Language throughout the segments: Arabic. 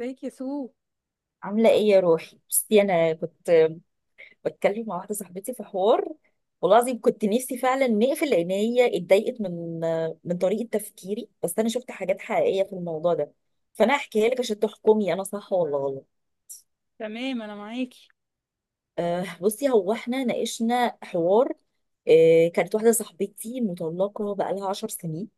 ازيك يا سو. عاملة ايه يا روحي؟ بصي، تم- انا كنت بتكلم مع واحدة صاحبتي في حوار. والله العظيم كنت نفسي فعلا نقفل لان هي اتضايقت من طريقة تفكيري، بس انا شفت حاجات حقيقية في الموضوع ده. فانا هحكيها لك عشان تحكمي انا صح ولا غلط. تمام، انا معاكي. بصي، هو احنا ناقشنا حوار. كانت واحدة صاحبتي مطلقة بقالها 10 سنين،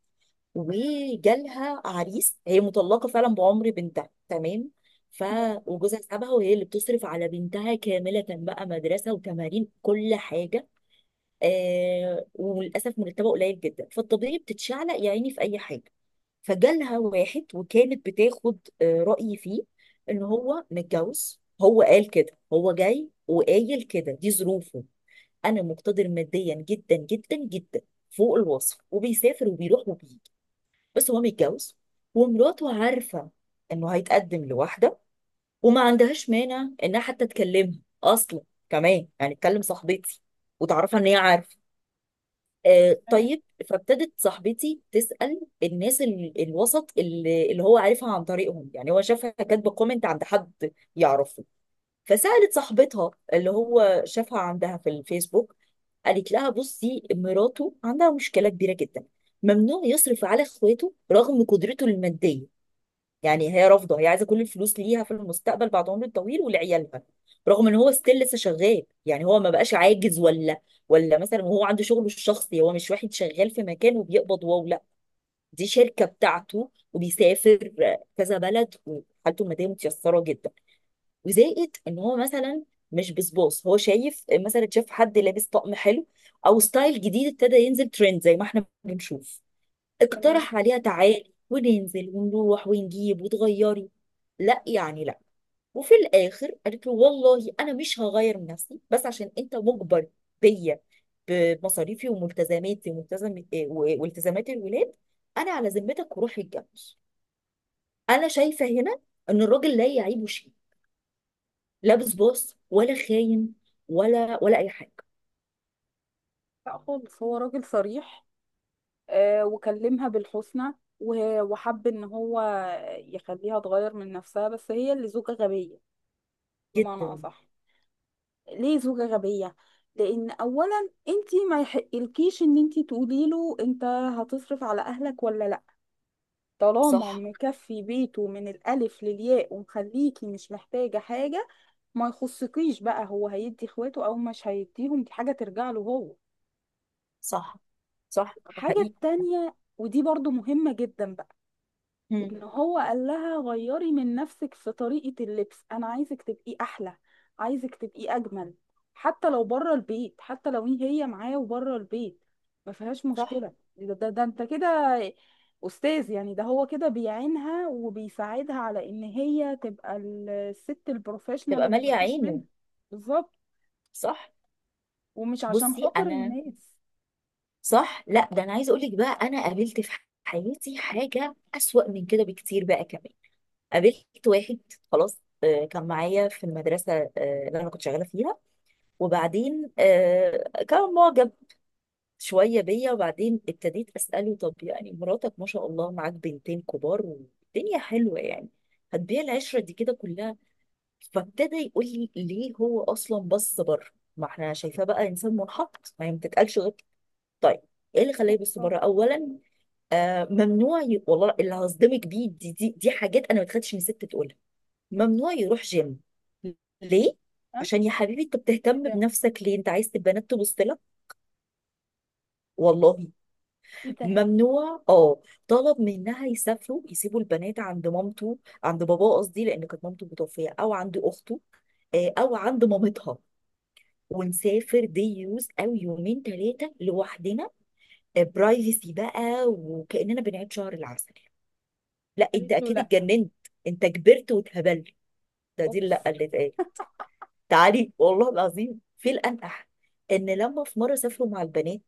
وجالها عريس. هي مطلقه فعلا بعمر بنتها، تمام. ف تمام. وجوزها سابها، وهي اللي بتصرف على بنتها كامله، بقى مدرسه وتمارين كل حاجه. وللاسف مرتبه قليل جدا، فالطبيعي بتتشعلق يا عيني في اي حاجه. فجالها واحد، وكانت بتاخد رايي فيه ان هو متجوز. هو قال كده، هو جاي وقايل كده دي ظروفه. انا مقتدر ماديا جدا جدا جدا، فوق الوصف، وبيسافر وبيروح وبيجي، بس هو متجوز، ومراته عارفة انه هيتقدم لواحدة، وما عندهاش مانع انها حتى تكلمها اصلا، كمان يعني تكلم صاحبتي وتعرفها ان هي عارفة. آه، تمام. طيب. فابتدت صاحبتي تسأل الناس الوسط اللي هو عارفها عن طريقهم. يعني هو شافها كاتبة كومنت عند حد يعرفه، فسألت صاحبتها اللي هو شافها عندها في الفيسبوك. قالت لها بصي، مراته عندها مشكلة كبيرة جدا: ممنوع يصرف على اخواته رغم قدرته المادية. يعني هي رافضه، هي عايزه كل الفلوس ليها في المستقبل بعد عمر طويل، ولعيالها، رغم ان هو ستيل لسه شغال. يعني هو ما بقاش عاجز ولا مثلا، وهو عنده شغله الشخصي، هو مش واحد شغال في مكان وبيقبض، واو لا، دي شركه بتاعته وبيسافر كذا بلد، وحالته الماديه متيسره جدا. وزائد ان هو مثلا مش بصباص، هو شايف مثلا، شاف حد لابس طقم حلو او ستايل جديد، ابتدى ينزل ترند زي ما احنا بنشوف. تمام. اقترح عليها تعالي وننزل ونروح ونجيب وتغيري. لا يعني لا. وفي الاخر قالت له والله انا مش هغير من نفسي، بس عشان انت مجبر بيا، بمصاريفي وملتزماتي وملتزم والتزامات الولاد، انا على ذمتك وروح اتجوز. انا شايفه هنا ان الراجل لا يعيبه شيء، لا بصباص ولا خاين، ولا اي حاجه. لا خالص، هو راجل صريح. آه، وكلمها بالحسنى، وه- وحب ان هو يخليها تغير من نفسها، بس هي اللي زوجة غبية، بمعنى جدا. اصح. ليه زوجة غبية؟ لان اولا انت ما يحقلكيش ان انت تقولي له انت هتصرف على اهلك ولا لا. طالما صح. مكفي بيته من الالف للياء، ومخليكي مش محتاجة حاجة، ما يخصكيش بقى. هو هيدي اخواته او مش هيديهم، دي حاجة ترجع له هو. صح. صح، ده الحاجة حقيقي. التانية، ودي برضو مهمة جدا بقى، مم. ان هو قال لها غيري من نفسك في طريقة اللبس، انا عايزك تبقي احلى، عايزك تبقي اجمل، حتى لو بره البيت، حتى لو هي معاه وبره البيت ما فيهاش صح. مشكلة. ده انت كده استاذ، يعني ده هو كده بيعينها وبيساعدها على ان هي تبقى الست البروفيشنال تبقى اللي ما ماليه فيش منها. عينه. بالظبط. صح. ومش عشان بصي خاطر انا، الناس. صح. لا، ده انا عايزه اقول لك بقى، انا قابلت في حياتي حاجه اسوأ من كده بكتير بقى كمان. قابلت واحد، خلاص، كان معايا في المدرسه، اللي انا كنت شغاله فيها. وبعدين كان معجب شويه بيا. وبعدين ابتديت اساله، طب يعني مراتك ما شاء الله معاك بنتين كبار والدنيا حلوه يعني، هتبيع العشره دي كده كلها؟ فابتدى يقول لي، ليه هو اصلا بص بره؟ ما احنا شايفاه بقى انسان منحط. ما هي ما تتقالش غير طيب، ايه اللي خلاه يبص الله. بره اولا؟ والله اللي هصدمك بيه، دي حاجات انا ما اتخدتش من ست تقولها. ممنوع يروح جيم. ليه؟ ها. عشان يا حبيبي انت ايه بتهتم ده؟ بنفسك ليه؟ انت عايز تبقى بنات تبص لك؟ والله. ايه ده؟ ممنوع. اه، طلب منها يسافروا، يسيبوا البنات عند مامته، عند باباه قصدي، لان كانت مامته متوفيه، او عند اخته، او عند مامتها، ونسافر دي يوز او يومين ثلاثه لوحدنا، برايفسي بقى، وكأننا بنعيد شهر العسل. لا قالت انت له اكيد لا. اتجننت، انت كبرت واتهبلت. ده دي اوبس. اللي اتقال. تعالي، والله العظيم في الانقح، ان لما في مره سافروا مع البنات،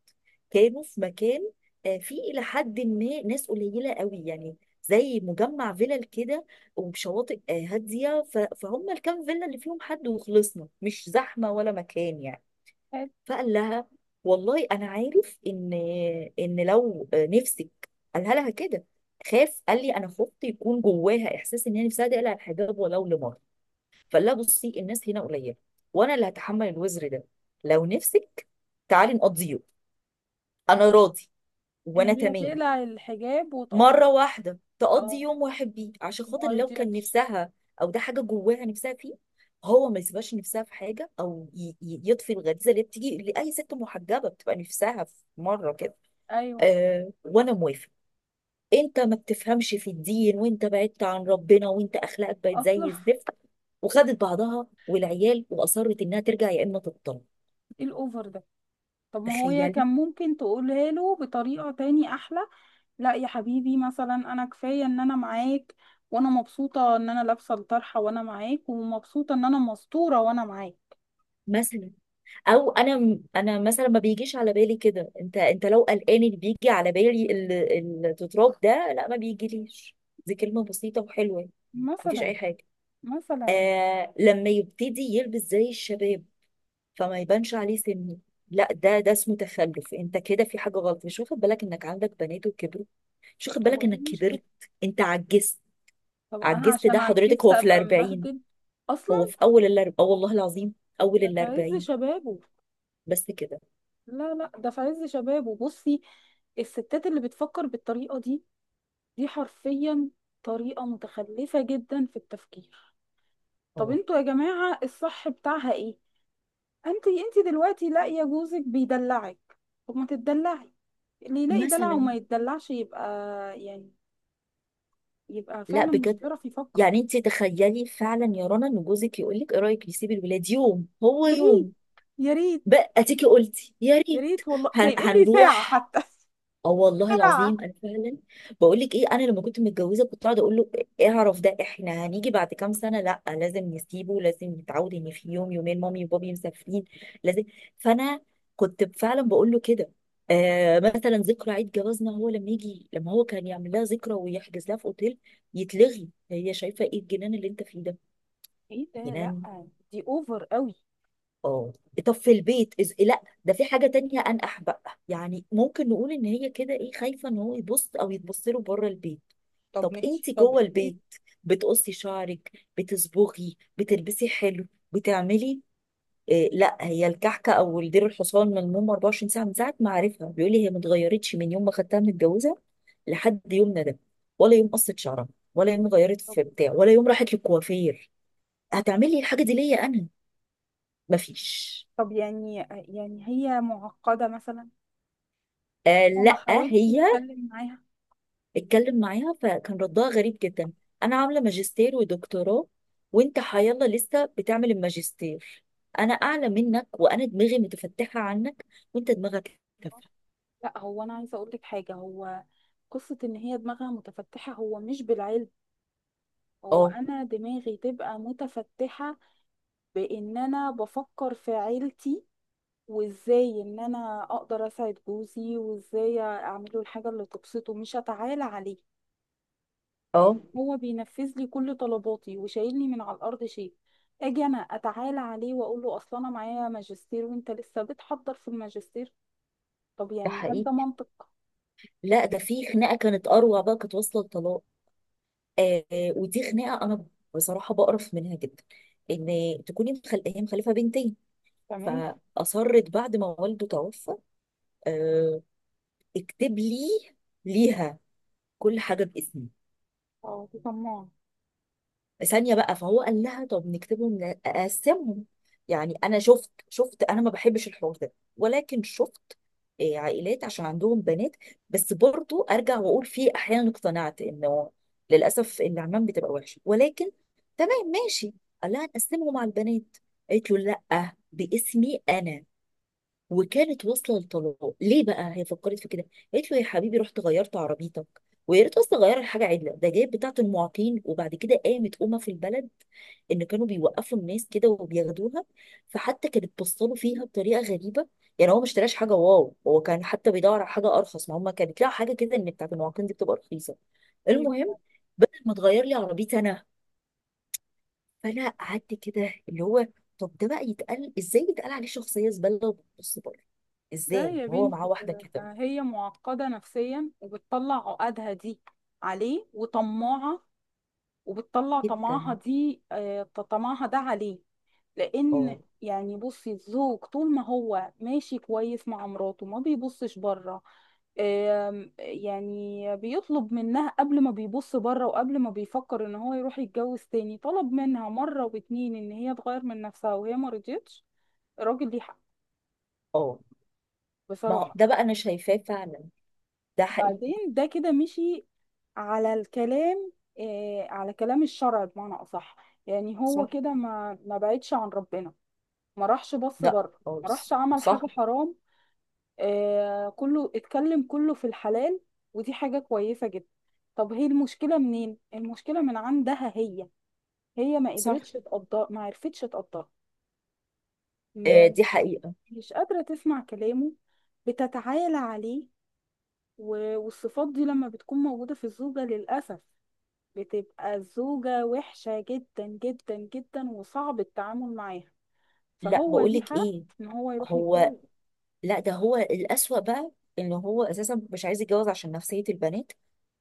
كانوا في مكان فيه الى حد ما ناس قليله قوي يعني، زي مجمع فيلل كده وشواطئ هاديه. فهم الكام فيلا اللي فيهم حد وخلصنا، مش زحمه ولا مكان يعني. حلو. فقال لها والله انا عارف ان لو نفسك، قالها لها كده. خاف، قال لي انا خفت يكون جواها احساس ان هي نفسها تقلع الحجاب ولو لمره. فقال لها بصي، الناس هنا قليله، وانا اللي هتحمل الوزر ده، لو نفسك تعالي نقضيه، انا راضي ان وانا هي تمام، تقلع الحجاب وتقض. مرة واحدة تقضي اه. يوم واحد بيه عشان خاطر ما لو كان رضيتش. نفسها، او ده حاجة جواها نفسها فيه، هو ما يسيبهاش نفسها في حاجة، او يطفي الغريزة اللي بتيجي لأي ست محجبة بتبقى نفسها في مرة كده. ايوه. آه وانا موافق. انت ما بتفهمش في الدين، وانت بعدت عن ربنا، وانت اخلاقك بقت اصلا زي الزفت. وخدت بعضها والعيال، واصرت انها ترجع يا اما تطلق. ايه الاوفر ده؟ طب ما هو هي تخيلي. كان ممكن تقولها له بطريقة تاني احلى، لا يا حبيبي، مثلا انا كفاية ان انا معاك، وانا مبسوطة ان انا لابسة الطرحة وانا معاك، ومبسوطة ان انا مستورة وانا معاك. مثلا. او انا انا مثلا ما بيجيش على بالي كده. انت لو قلقان، اللي بيجي على بالي التتراب ده، لا ما بيجيليش. دي كلمه بسيطه وحلوه. مفيش مثلا. اي حاجه. مثلا. آه، لما يبتدي يلبس زي الشباب فما يبانش عليه سنه. لا، ده اسمه تخلف. انت كده في حاجه غلط، مش واخد بالك انك عندك بنات وكبروا، مش واخد طب بالك وايه انك المشكلة؟ كبرت. انت عجزت. طب انا عجزت؟ ده عشان حضرتك عجزت هو في ابقى الاربعين. مبهدل؟ هو اصلا في اول الاربعين، اه والله العظيم اول ده في عز الاربعين. شبابه. بس كده. لا لا، ده في عز شبابه. بصي، الستات اللي بتفكر بالطريقه دي، دي حرفيا طريقه متخلفه جدا في التفكير. طب اه. انتوا يا جماعه الصح بتاعها ايه؟ انت دلوقتي لاقيه جوزك بيدلعك، طب ما تتدلعي. اللي يلاقي دلع مثلا. وما يتدلعش يبقى يعني يبقى لا فعلا مش بجد، بيعرف يفكر. يعني انت تخيلي فعلا يا رنا، ان جوزك يقول لك ايه رايك نسيب الولاد يوم هو يا يوم، ريت. يا ريت. بقى تيجي قلتي يا يا ريت. ريت والله، ده يقول لي ساعه هنروح. حتى اه والله ساعه. العظيم انا فعلا بقول لك ايه، انا لما كنت متجوزه كنت قاعده اقول له اعرف، ده احنا هنيجي بعد كام سنه، لا لازم نسيبه، لازم نتعود ان في يوم يومين مامي وبابي مسافرين، لازم. فانا كنت فعلا بقول له كده. آه، مثلا ذكرى عيد جوازنا، هو لما يجي، لما هو كان يعمل لها ذكرى ويحجز لها في اوتيل يتلغي. هي شايفه ايه الجنان اللي انت فيه ده؟ ايه ده؟ لا جنان. دي اوفر قوي. اه. طب في البيت لا ده في حاجة تانية أنقح بقى، يعني ممكن نقول إن هي كده إيه، خايفة إن هو يبص أو يتبص له بره البيت. طب طب ماشي، أنت طب جوه ايه؟ البيت بتقصي شعرك، بتصبغي، بتلبسي حلو، بتعملي إيه؟ لا، هي الكحكة أو الدير الحصان من المهم 24 ساعة من ساعة ما عارفها. بيقول لي هي ما اتغيرتش من يوم ما خدتها متجوزة لحد يومنا ده، ولا يوم قصت شعرها، ولا يوم غيرت طب في بتاع، ولا يوم راحت للكوافير. هتعملي الحاجة دي ليا أنا؟ مفيش. طب يعني يعني هي معقدة مثلا، آه. هو ما لا، حاولش هي. يتكلم معاها؟ اتكلم معاها فكان ردها غريب جدا: انا عامله ماجستير ودكتوراه، وانت حيالله لسه بتعمل الماجستير، انا اعلى منك وانا دماغي متفتحه عنك، وانت دماغك تافهه. لا، هو انا عايزة اقول لك حاجة، هو قصة ان هي دماغها متفتحة هو مش بالعلم. هو اه. انا دماغي تبقى متفتحة بان انا بفكر في عيلتي، وازاي ان انا اقدر اساعد جوزي، وازاي اعمله الحاجة اللي تبسطه، مش اتعالى عليه. يعني اه، هو بينفذ لي كل طلباتي وشايلني من على الارض شيء، اجي انا اتعالى عليه واقول له اصل انا معايا ماجستير وانت لسه بتحضر في الماجستير؟ طب ده يعني هل ده حقيقي. منطق؟ لا، ده في خناقه كانت اروع بقى، كانت واصله لطلاق. ودي خناقه انا بصراحه بقرف منها جدا، ان هي مخلفه بنتين، تمام. فاصرت بعد ما والده توفى آه اكتب لي، ليها، كل حاجه باسمي، اه دي طماعة. ثانيه بقى. فهو قال لها طب نكتبهم، اقسمهم. يعني انا شفت، انا ما بحبش الحوار ده، ولكن شفت عائلات عشان عندهم بنات، بس برضو ارجع واقول فيه احيانا، اقتنعت انه للاسف العمام بتبقى وحشه، ولكن تمام ماشي. قال لها نقسمهم على البنات، قالت له لا، باسمي انا. وكانت واصله للطلاق. ليه بقى هي فكرت في كده؟ قالت له يا حبيبي رحت غيرت عربيتك، ويا ريت اصلا غير الحاجه عدله، ده جايب بتاعه المعاقين. وبعد كده قامت امه في البلد ان كانوا بيوقفوا الناس كده وبياخدوها، فحتى كانت بصله فيها بطريقه غريبه. يعني هو ما اشتراش حاجه، واو هو كان حتى بيدور على حاجه ارخص، ما هم كانت لها حاجه كده، ان بتاعه المعاقين دي بتبقى رخيصه. طيب. المهم، ما تغير لي عربيتي انا. فانا قعدت كده اللي هو، طب ده بقى يتقال ازاي، يتقال عليه شخصيه زباله وبتبص بره لا ازاي، يا وهو معاه بنتي، واحده ده كده؟ هي معقدة نفسيا وبتطلع عقدها دي عليه، وطماعة وبتطلع طمعها جدا. دي، طمعها ده عليه. لان اه. يعني، بصي، الزوج طول ما هو ماشي كويس مع مراته ما بيبصش بره. يعني بيطلب منها، قبل ما بيبص بره وقبل ما بيفكر ان هو يروح يتجوز تاني، طلب منها مرة واتنين ان هي تغير من نفسها وهي ما رضيتش. الراجل ليه حق، اه. ما هو بصراحة. ده بقى انا شايفاه فعلا، ده حقيقي. بعدين ده كده مشي على الكلام، على كلام الشرع بمعنى اصح. يعني هو صح. كده ما بعدش عن ربنا، ما راحش بص لا بره، ما راحش خالص، عمل صح. حاجة حرام. آه، كله اتكلم، كله في الحلال، ودي حاجة كويسة جدا. طب هي المشكلة منين؟ المشكلة من عندها هي، هي ما صح. قدرتش تقدر، ما عرفتش تقدر، آه، دي مش حقيقه. مش قادرة تسمع كلامه، بتتعالى عليه، و- والصفات دي لما بتكون موجودة في الزوجة للأسف بتبقى الزوجة وحشة جدا جدا جدا، وصعب التعامل معاها. لا، فهو بقول ليه لك حق ايه، إن هو يروح هو، يتجوز. لا ده هو الاسوأ بقى. ان هو اساسا مش عايز يتجوز عشان نفسيه البنات،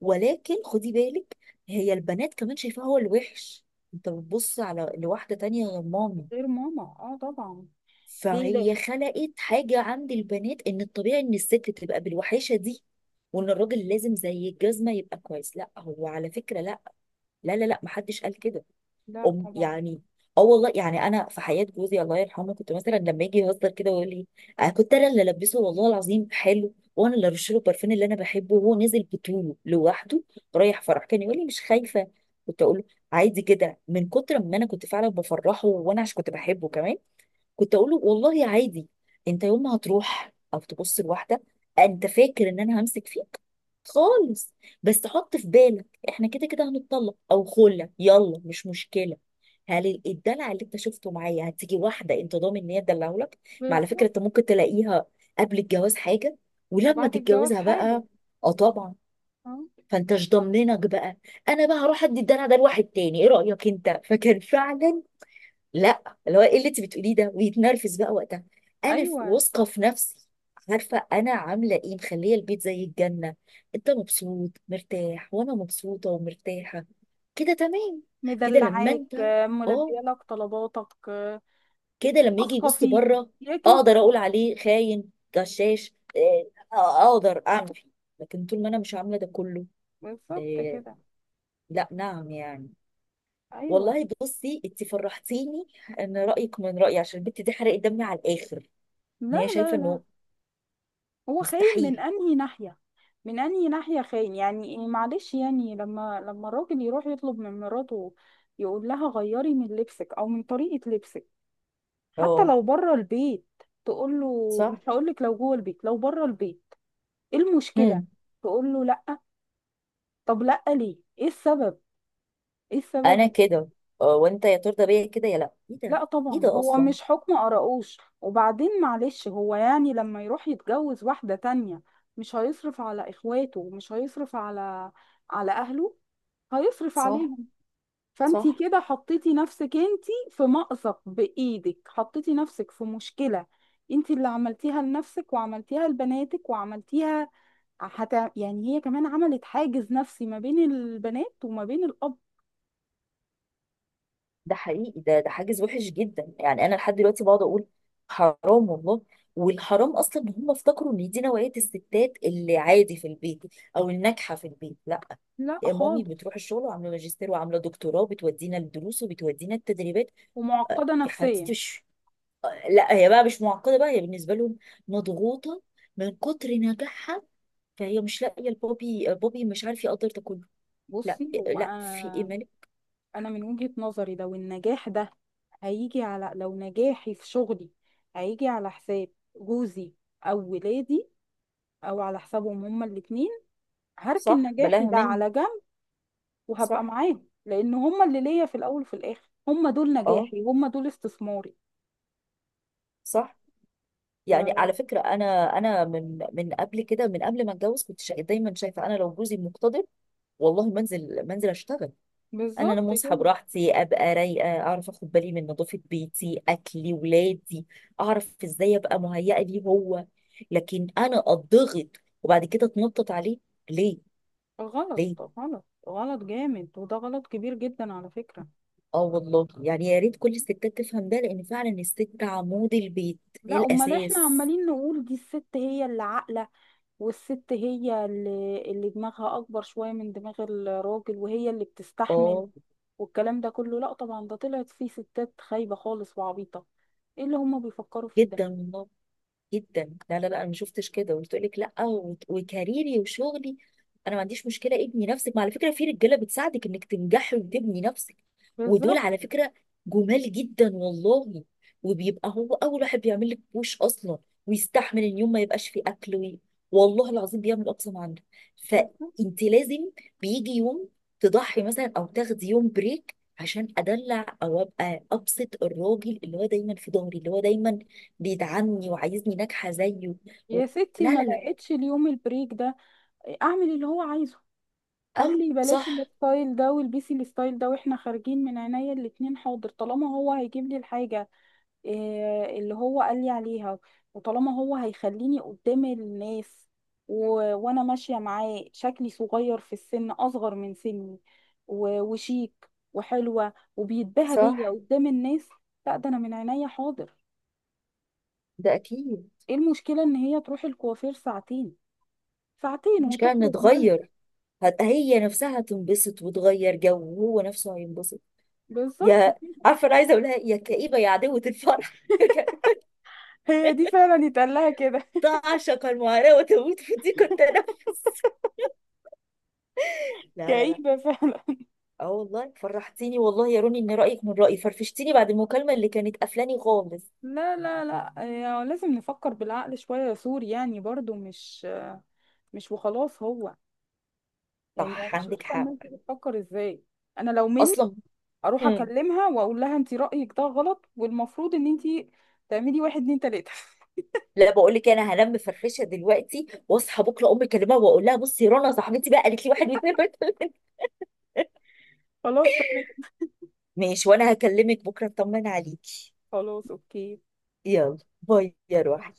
ولكن خدي بالك، هي البنات كمان شايفاه هو الوحش: انت بتبص على لواحده تانية غير مامي؟ غير ماما، اه طبعا. ليه فهي ليه. خلقت حاجة عند البنات ان الطبيعي ان الست تبقى بالوحاشة دي، وان الراجل لازم زي الجزمة يبقى كويس. لا، هو على فكرة لا. لا لا لا، محدش قال كده. لا أم، طبعا. يعني، اه والله يعني انا في حياة جوزي الله يرحمه كنت مثلا لما يجي يهزر كده ويقول لي، انا كنت انا اللي البسه والله العظيم حلو، وانا اللي ارش له البرفان اللي انا بحبه، وهو نازل بطوله لوحده رايح فرح، كان يقول لي مش خايفة؟ كنت اقول له عادي كده، من كتر ما انا كنت فعلا بفرحه، وانا عشان كنت بحبه كمان كنت اقول له والله عادي، انت يوم ما هتروح او تبص لواحده، انت فاكر ان انا همسك فيك؟ خالص. بس حط في بالك احنا كده كده هنتطلق او خلة، يلا مش مشكله. هل الدلع اللي انت شفته معايا هتيجي واحده انت ضامن ان هي تدلعه لك؟ ما بس. على فكره انت ممكن تلاقيها قبل الجواز حاجه، ولما وبعد الجواز تتجوزها حاجة. بقى، اه طبعا، اه. فانت مش ضامنك بقى. انا بقى هروح ادي الدلع ده لواحد تاني، ايه رايك انت؟ فكان فعلا لا، اللي هو ايه اللي انت بتقوليه ده، ويتنرفز بقى وقتها. انا ايوه. واثقه في نفسي، عارفه انا عامله ايه، مخليه البيت زي الجنه، انت مبسوط مرتاح وانا مبسوطه ومرتاحه، كده تمام. كده لما مدلعاك. انت، اه. ملبيه لك طلباتك. كده لما يجي واثقه يبص فيك. بره اياك انت اقدر اقول تبقى. عليه خاين غشاش إيه، آه، اقدر اعمل فيه. لكن طول ما انا مش عامله ده كله، بالظبط إيه، كده. لا، نعم يعني. ايوه. والله بصي انت فرحتيني ان رايك من رايي، عشان البت دي حرقت دمي على الاخر ان لا هي لا شايفه لا. انه هو خاين من مستحيل. انهي ناحيه؟ من انهي ناحيه خاين؟ يعني معلش، يعني لما الراجل يروح يطلب من مراته، يقول لها غيري من لبسك او من طريقه لبسك، حتى اه. لو بره البيت، تقول له صح. مش هقول لك لو جوه البيت لو بره البيت، ايه المشكله؟ هم. تقول له لا. طب لا ليه؟ ايه السبب؟ ايه انا السبب؟ كده، وانت يا ترضى بيا كده يا لا؟ ايه ده؟ لا ايه طبعا، ده هو اصلا؟ مش حكم قرقوش. وبعدين، معلش، هو يعني لما يروح يتجوز واحدة تانية مش هيصرف على اخواته، ومش هيصرف على على اهله، هيصرف صح. عليهم. فانتي صح. كده حطيتي نفسك انتي في مأزق، بايدك حطيتي نفسك في مشكلة. انتي اللي عملتيها لنفسك، وعملتيها لبناتك، وعملتيها حتى، يعني هي كمان عملت حاجز نفسي ما بين البنات وما بين الاب. ده حقيقي، ده حاجز وحش جدا، يعني انا لحد دلوقتي بقعد اقول حرام والله. والحرام اصلا ان هم افتكروا ان دي نوعيه الستات اللي عادي في البيت او الناجحه في البيت، لا. لا مامي خالص. بتروح الشغل وعامله ماجستير وعامله دكتوراه، بتودينا الدروس وبتودينا التدريبات. ومعقدة يا حبيبتي، نفسيا. لا هي بقى مش معقده بقى، هي بالنسبه لهم مضغوطه من كتر نجاحها، فهي مش لاقيه البوبي، بوبي مش عارف يقدر ده كله. لا. بصي هو لا، في ايه انا، مالك؟ أنا من وجهة نظري لو النجاح ده هيجي على، لو نجاحي في شغلي هيجي على حساب جوزي او ولادي، او على حسابهم هما الاتنين، هركن صح، نجاحي بلاها ده منه. على جنب وهبقى صح. معاهم، لان هما اللي ليا في الاول وفي الاخر، هما دول اه. نجاحي، هما دول استثماري. صح. ف... يعني على فكره انا، انا من قبل كده، من قبل ما اتجوز كنت دايما شايفه انا لو جوزي مقتدر، والله منزل، اشتغل. انا لما بالظبط اصحى كده. براحتي ابقى رايقه، اعرف اخد بالي من نظافه بيتي، اكلي ولادي، اعرف ازاي ابقى مهيئه ليه هو. لكن انا اتضغط وبعد كده اتنطط عليه ليه؟ غلط، ليه؟ غلط جامد، وده غلط كبير جدا على فكرة. اه والله، يعني يا ريت كل الستات تفهم ده، لان فعلا الست عمود البيت، هي لا امال، احنا الاساس. عمالين نقول دي الست هي اللي عاقلة، والست هي اللي دماغها أكبر شوية من دماغ الراجل، وهي اللي بتستحمل، اه. والكلام ده كله. لا طبعا، ده طلعت فيه ستات خايبة خالص وعبيطة. ايه اللي هما بيفكروا فيه ده؟ جدا والله، جدا. لا لا لا، انا ما شفتش كده وتقول لك لا، وكاريري وشغلي انا ما عنديش مشكله. ابني نفسك، ما على فكره في رجاله بتساعدك انك تنجحي وتبني نفسك، ودول بالظبط. على فكره جمال جدا والله، وبيبقى هو اول واحد بيعمل لك بوش اصلا، ويستحمل ان يوم ما يبقاش فيه اكل والله العظيم بيعمل اقصى ما عنده. بالظبط. فانت لازم، بيجي يوم تضحي مثلا او تاخدي يوم بريك عشان ادلع او ابقى ابسط الراجل اللي هو دايما في ظهري، اللي هو دايما بيدعمني وعايزني ناجحة زيه. و... يا ستي لا ما لا لا. لقيتش اليوم البريك ده، اعمل اللي هو عايزه. قال اه لي بلاش صح. الستايل ده والبسي الستايل ده، واحنا خارجين، من عينيا الاتنين، حاضر. طالما هو هيجيب لي الحاجة إيه اللي هو قال لي عليها، وطالما هو هيخليني قدام الناس، و... وانا ماشيه معاه شكلي صغير في السن، اصغر من سني، وشيك وحلوه وبيتباهى صح. بيا قدام الناس، لا ده انا من عينيا حاضر. ده أكيد. ايه المشكله ان هي تروح الكوافير ساعتين؟ ساعتين مش كان وتخرج ملكه. نتغير؟ هي نفسها هتنبسط وتغير جو، وهو نفسه هينبسط. بالظبط يا، كده. عارفة أنا عايزة أقولها، يا كئيبة يا عدوة الفرح. هي دي فعلا يتقال لها كده. تعشق المعاناة وتموت في ضيق التنفس. لا لا لا. كئيبه فعلا. اه والله فرحتيني والله يا روني ان رايك من رايي، فرفشتيني بعد المكالمه اللي كانت قفلاني خالص. لا لا لا. يعني لازم نفكر بالعقل شويه يا سور، يعني برضو مش، مش وخلاص هو، يعني انا صح، مش عندك عارفه حق. الناس دي بتفكر ازاي. انا لو مني اصلا. اروح اكلمها واقول لها انت رايك ده غلط، والمفروض ان انت تعملي واحد اتنين تلاته. لا، بقول لك، انا هنام مفرفشه دلوقتي، واصحى بكره امي اكلمها واقول لها بصي، رنا صاحبتي بقى قالت لي واحد واثنين وثلاثه. خلاص تمام. ماشي، وانا هكلمك بكره اطمن عليكي. خلاص اوكي. يلا باي يا روحي.